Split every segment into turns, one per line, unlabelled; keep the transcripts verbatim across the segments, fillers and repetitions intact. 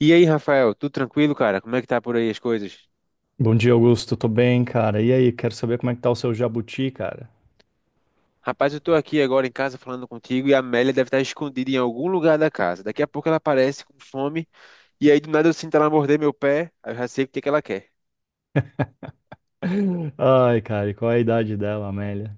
E aí, Rafael, tudo tranquilo, cara? Como é que tá por aí as coisas?
Bom dia, Augusto. Tô bem, cara. E aí, quero saber como é que tá o seu jabuti, cara.
Rapaz, eu tô aqui agora em casa falando contigo e a Amélia deve estar escondida em algum lugar da casa. Daqui a pouco ela aparece com fome e aí do nada eu sinto ela morder meu pé, aí eu já sei o que que ela quer.
Ai, cara, e qual é a idade dela, Amélia?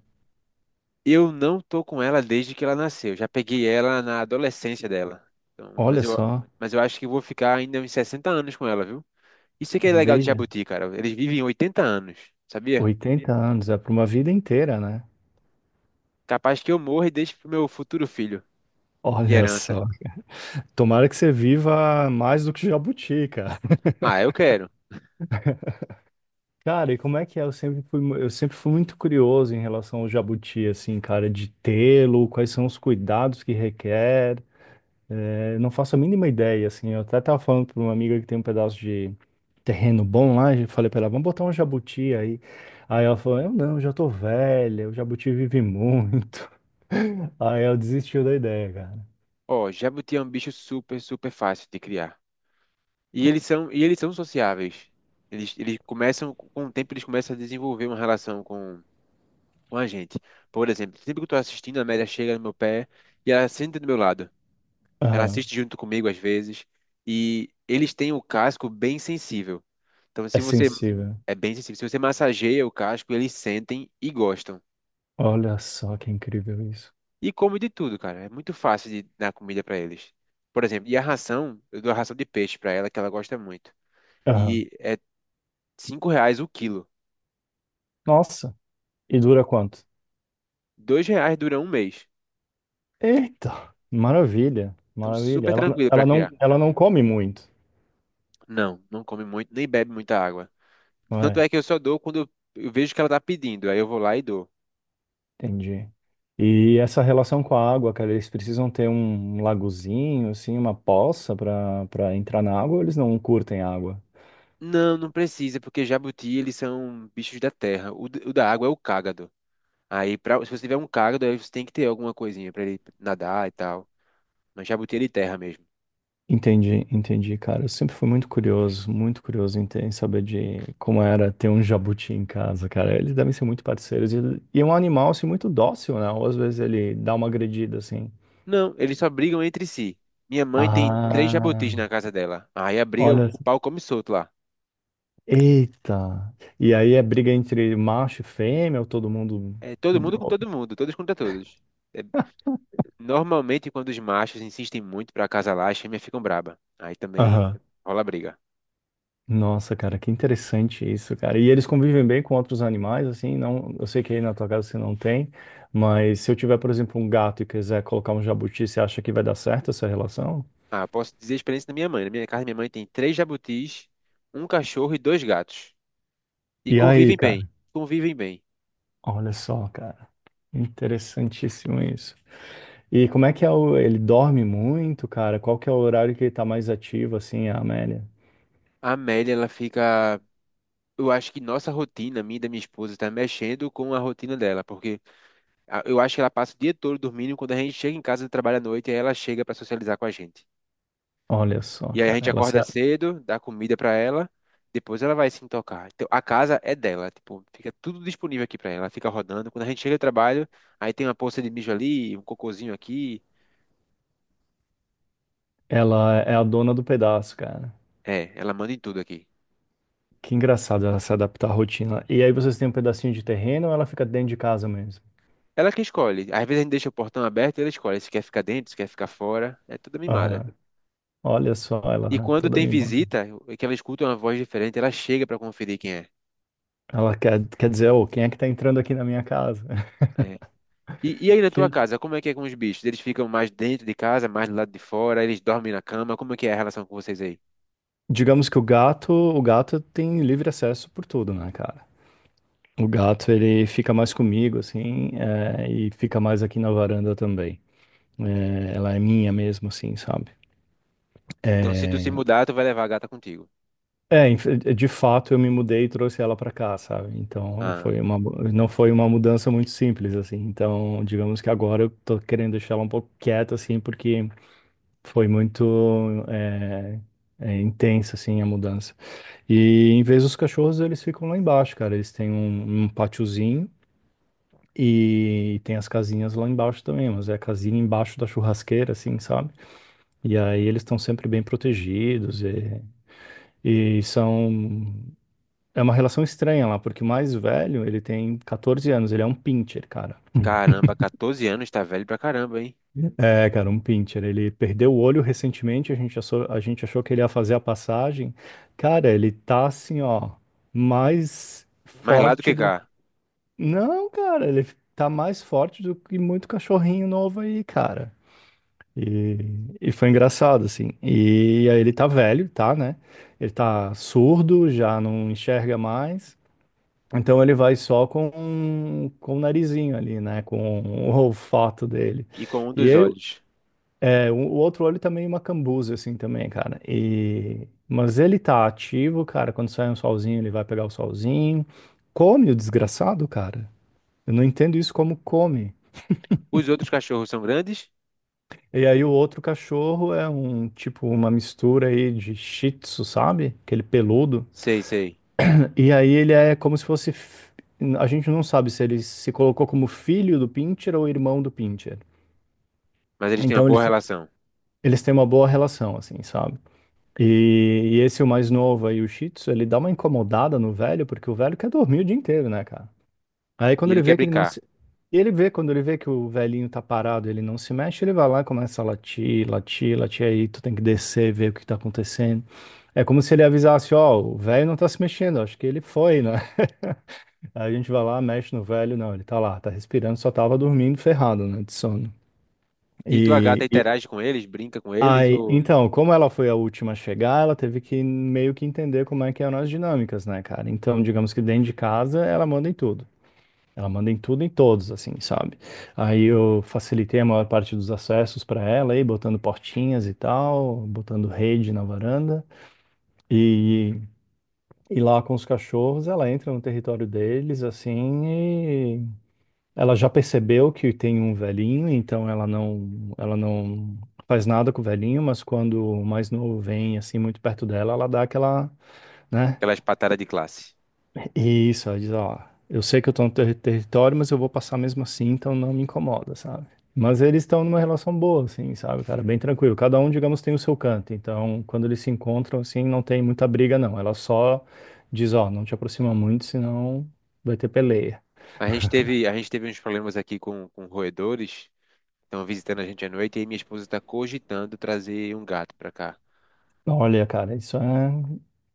Eu não tô com ela desde que ela nasceu. Já peguei ela na adolescência dela. Então, mas
Olha
eu,
só,
mas eu acho que vou ficar ainda uns sessenta anos com ela, viu? Isso é que é legal de
veja,
jabuti, cara. Eles vivem oitenta anos, sabia?
oitenta anos, é pra uma vida inteira, né?
Capaz que eu morra e deixe pro meu futuro filho de
Olha
herança.
só. Tomara que você viva mais do que jabuti, cara.
Ah, eu quero.
Cara, e como é que é? Eu sempre fui, mu- eu sempre fui muito curioso em relação ao jabuti, assim, cara, de tê-lo, quais são os cuidados que requer. É, eu não faço a mínima ideia, assim. Eu até tava falando para uma amiga que tem um pedaço de terreno bom lá, e falei para ela, vamos botar um jabuti aí. Aí ela falou, eu não, já tô velha, o jabuti vive muito. Aí ela desistiu da ideia, cara.
Ó, jabuti é um bicho super, super fácil de criar. E eles são, e eles são sociáveis. Eles, eles começam, com o tempo, eles começam a desenvolver uma relação com, com a gente. Por exemplo, sempre que eu tô assistindo, a Amélia chega no meu pé e ela senta do meu lado. Ela
Aham.
assiste junto comigo às vezes. E eles têm o casco bem sensível. Então,
É
se você
sensível.
é bem sensível, se você massageia o casco, eles sentem e gostam.
Olha só que incrível isso.
E comem de tudo, cara. É muito fácil de dar comida para eles. Por exemplo, e a ração, eu dou a ração de peixe para ela, que ela gosta muito.
Aham.
E é cinco reais o quilo.
Nossa. E dura quanto?
Dois reais dura um mês.
Eita, maravilha,
Então,
maravilha.
super
Ela,
tranquilo para
ela não,
criar.
ela não come muito.
Não, não come muito, nem bebe muita água. Tanto é que eu só dou quando eu eu vejo que ela tá pedindo, aí eu vou lá e dou.
Entendi. E essa relação com a água, cara, eles precisam ter um lagozinho, assim, uma poça para para entrar na água, ou eles não curtem água?
Não, não precisa, porque jabuti, eles são bichos da terra. O, d- o da água é o cágado. Aí, pra, se você tiver um cágado, aí você tem que ter alguma coisinha para ele nadar e tal. Mas jabuti é de terra mesmo.
Entendi, entendi, cara. Eu sempre fui muito curioso, muito curioso em, ter- em saber de como era ter um jabuti em casa, cara. Eles devem ser muito parceiros. E, e é um animal, assim, muito dócil, né? Ou às vezes ele dá uma agredida, assim.
Não, eles só brigam entre si. Minha mãe tem três jabutis
Ah,
na casa dela. Aí a briga,
olha.
o pau come solto lá.
Eita! E aí é briga entre macho e fêmea, ou todo mundo.
É todo mundo com todo mundo, todos contra todos. É, normalmente, quando os machos insistem muito para acasalar, as fêmeas ficam braba. Aí também
Aham.
rola briga.
Nossa, cara, que interessante isso, cara. E eles convivem bem com outros animais, assim, não, eu sei que aí na tua casa você não tem, mas se eu tiver, por exemplo, um gato e quiser colocar um jabuti, você acha que vai dar certo essa relação?
Ah, posso dizer a experiência da minha mãe. Na minha casa, minha mãe tem três jabutis, um cachorro e dois gatos. E
E aí,
convivem bem.
cara?
Convivem bem.
Olha só, cara. Interessantíssimo isso. E como é que é o, ele dorme muito, cara? Qual que é o horário que ele tá mais ativo, assim, a Amélia?
A Amélia, ela fica. Eu acho que nossa rotina, minha e da minha esposa, está mexendo com a rotina dela, porque a- eu acho que ela passa o dia todo dormindo. Quando a gente chega em casa do trabalho à noite, aí ela chega para socializar com a gente.
Olha só,
E aí a
cara,
gente
ela, se-
acorda cedo, dá comida pra ela, depois ela vai se intocar. Então a casa é dela, tipo, fica tudo disponível aqui pra ela, ela fica rodando. Quando a gente chega do trabalho, aí tem uma poça de mijo ali, um cocôzinho aqui.
ela é a dona do pedaço, cara.
É, ela manda em tudo aqui.
Que engraçado ela se adaptar à rotina. E aí vocês têm um pedacinho de terreno ou ela fica dentro de casa mesmo?
Ela que escolhe. Às vezes a gente deixa o portão aberto e ela escolhe se quer ficar dentro, se quer ficar fora. É tudo mimada.
Aham. Olha só,
E
ela
quando
toda
tem
mimada.
visita, que ela escuta é uma voz diferente, ela chega pra conferir quem é.
Ela quer, quer dizer, ô, quem é que tá entrando aqui na minha casa?
É. E, e aí na tua
Que,
casa, como é que é com os bichos? Eles ficam mais dentro de casa, mais do lado de fora, eles dormem na cama, como é que é a relação com vocês aí?
digamos que o gato, o gato tem livre acesso por tudo, né, cara? O gato, ele fica mais comigo, assim, é, e fica mais aqui na varanda também. É, ela é minha mesmo, assim, sabe?
Então, se tu se
É,
mudar, tu vai levar a gata contigo.
É, inf- eh, de fato eu me mudei e trouxe ela para cá, sabe? Então
Ah,
foi uma, mu- não foi uma mudança muito simples assim. Então, digamos que agora eu tô querendo deixar ela um pouco quieta assim, porque foi muito é, é, intensa assim a mudança. E em vez dos cachorros eles ficam lá embaixo, cara. Eles têm um, um patiozinho e tem as casinhas lá embaixo também, mas é a casinha embaixo da churrasqueira assim, sabe? E aí eles estão sempre bem protegidos e, e são. É uma relação estranha lá, porque o mais velho, ele tem quatorze anos, ele é um pincher, cara.
caramba, catorze anos tá velho pra caramba, hein?
É, cara, um pincher. Ele perdeu o olho recentemente, a gente achou, a gente achou que ele ia fazer a passagem. Cara, ele tá assim, ó, mais
Mais lá do
forte
que
do.
cá.
Não, cara, ele tá mais forte do que muito cachorrinho novo aí, cara. E, e foi engraçado, assim. E aí ele tá velho, tá, né? Ele tá surdo, já não enxerga mais. Então ele vai só com, com o narizinho ali, né? Com o olfato dele.
E com um
E
dos
eu,
olhos.
é, o o outro olho também é uma cambuza, assim, também, cara. E, mas ele tá ativo, cara. Quando sai um solzinho, ele vai pegar o solzinho. Come o desgraçado, cara. Eu não entendo isso como come.
Os outros cachorros são grandes?
E aí o outro cachorro é um tipo uma mistura aí de Shih Tzu, sabe? Aquele peludo.
Sei, sei.
E aí ele é como se fosse. f- A gente não sabe se ele se colocou como filho do Pincher ou irmão do Pincher.
Mas eles têm uma
Então
boa
eles,
relação.
eles têm uma boa relação, assim, sabe? E, e esse, o mais novo aí, o Shih Tzu, ele dá uma incomodada no velho, porque o velho quer dormir o dia inteiro, né, cara? Aí
E
quando
ele
ele
quer
vê que ele não
brincar.
se. Ele vê, quando ele vê que o velhinho tá parado, ele não se mexe, ele vai lá e começa a latir, latir, latir, aí tu tem que descer, ver o que tá acontecendo. É como se ele avisasse, ó, o velho não tá se mexendo, acho que ele foi, né? Aí a gente vai lá, mexe no velho, não, ele tá lá, tá respirando, só tava dormindo ferrado, né, de sono.
E tua gata
E, e
interage com eles, brinca com eles
aí,
ou
então, como ela foi a última a chegar, ela teve que meio que entender como é que eram as dinâmicas, né, cara? Então, digamos que dentro de casa, ela manda em tudo. Ela manda em tudo, e em todos, assim, sabe? Aí eu facilitei a maior parte dos acessos para ela, aí botando portinhas e tal, botando rede na varanda. E e lá com os cachorros, ela entra no território deles, assim, ela já percebeu que tem um velhinho, então ela não, ela não faz nada com o velhinho, mas quando o mais novo vem assim muito perto dela, ela dá aquela, né?
aquelas patadas de classe?
E isso, ela diz, ó, eu sei que eu tô no ter- território, mas eu vou passar mesmo assim, então não me incomoda, sabe? Mas eles estão numa relação boa, assim, sabe, cara? É bem tranquilo. Cada um, digamos, tem o seu canto. Então, quando eles se encontram, assim, não tem muita briga, não. Ela só diz, ó, não te aproxima muito, senão vai ter peleia.
A gente teve, a gente teve uns problemas aqui com, com roedores. Estão visitando a gente à noite e aí minha esposa tá cogitando trazer um gato pra cá.
Olha, cara, isso é,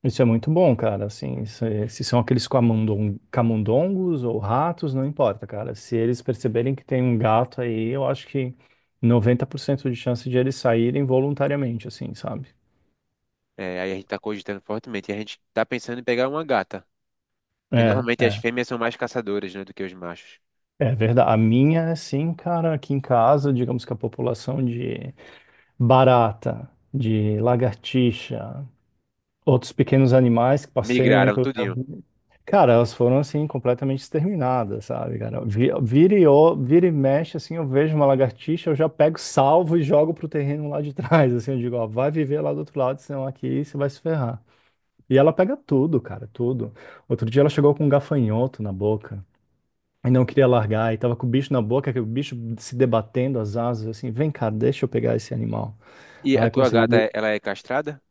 isso é muito bom, cara. Assim, isso é- se são aqueles camundong- camundongos ou ratos, não importa, cara. Se eles perceberem que tem um gato aí, eu acho que noventa por cento de chance de eles saírem voluntariamente, assim, sabe?
É, aí a gente tá cogitando fortemente. E a gente tá pensando em pegar uma gata. Que
É,
normalmente as
é.
fêmeas são mais caçadoras, né, do que os machos.
É verdade. A minha, assim, cara, aqui em casa, digamos que a população de barata, de lagartixa, outros pequenos animais que passeiam aí
Migraram
pelo
tudinho.
jardim. Cara, elas foram assim completamente exterminadas, sabe, cara? Vi- Vira e, o- vira e mexe, assim, eu vejo uma lagartixa, eu já pego, salvo e jogo pro terreno lá de trás, assim, eu digo, ó, vai viver lá do outro lado, senão aqui você vai se ferrar. E ela pega tudo, cara, tudo. Outro dia ela chegou com um gafanhoto na boca e não
E
queria largar, e tava com o bicho na boca, que o bicho se debatendo as asas, assim, vem cá, deixa eu pegar esse animal.
a
Aí
tua
consegui.
gata, ela é castrada?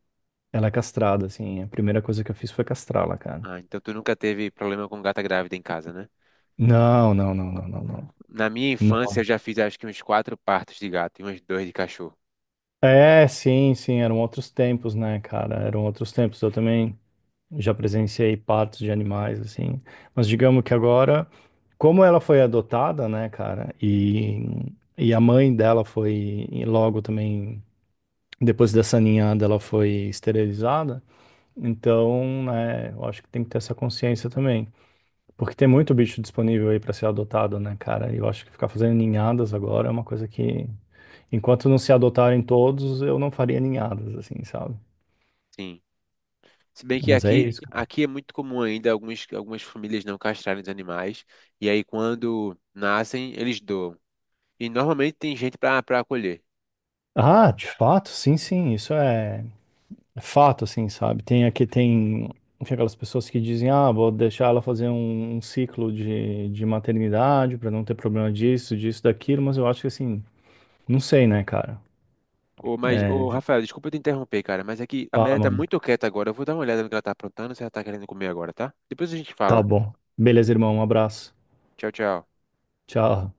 Ela é castrada, assim, a primeira coisa que eu fiz foi castrá-la, cara.
Ah, então tu nunca teve problema com gata grávida em casa, né?
Não, não, não, não, não, não.
Na minha
Não.
infância eu já fiz acho que uns quatro partos de gato e uns dois de cachorro.
É, sim, sim, eram outros tempos, né, cara? Eram outros tempos. Eu também já presenciei partos de animais, assim. Mas digamos que agora, como ela foi adotada, né, cara, e, e a mãe dela foi, e logo também, depois dessa ninhada, ela foi esterilizada. Então, né, eu acho que tem que ter essa consciência também. Porque tem muito bicho disponível aí para ser adotado, né, cara? E eu acho que ficar fazendo ninhadas agora é uma coisa que. Enquanto não se adotarem todos, eu não faria ninhadas, assim, sabe?
Sim. Se bem que
Mas é
aqui,
isso, cara.
aqui é muito comum ainda algumas, algumas famílias não castrarem os animais. E aí quando nascem, eles doam. E normalmente tem gente para para acolher.
Ah, de fato, sim, sim, isso é é fato, assim, sabe? Tem aqui, tem, tem aquelas pessoas que dizem, ah, vou deixar ela fazer um, um ciclo de, de maternidade para não ter problema disso, disso, daquilo, mas eu acho que, assim, não sei, né, cara?
Ô, mas, ô,
É,
Rafael, desculpa te interromper, cara, mas é que a Mary
fala,
tá
mano.
muito quieta agora. Eu vou dar uma olhada no que ela tá aprontando, se ela tá querendo comer agora, tá? Depois a gente
Tá
fala.
bom. Beleza, irmão, um abraço.
Tchau, tchau.
Tchau.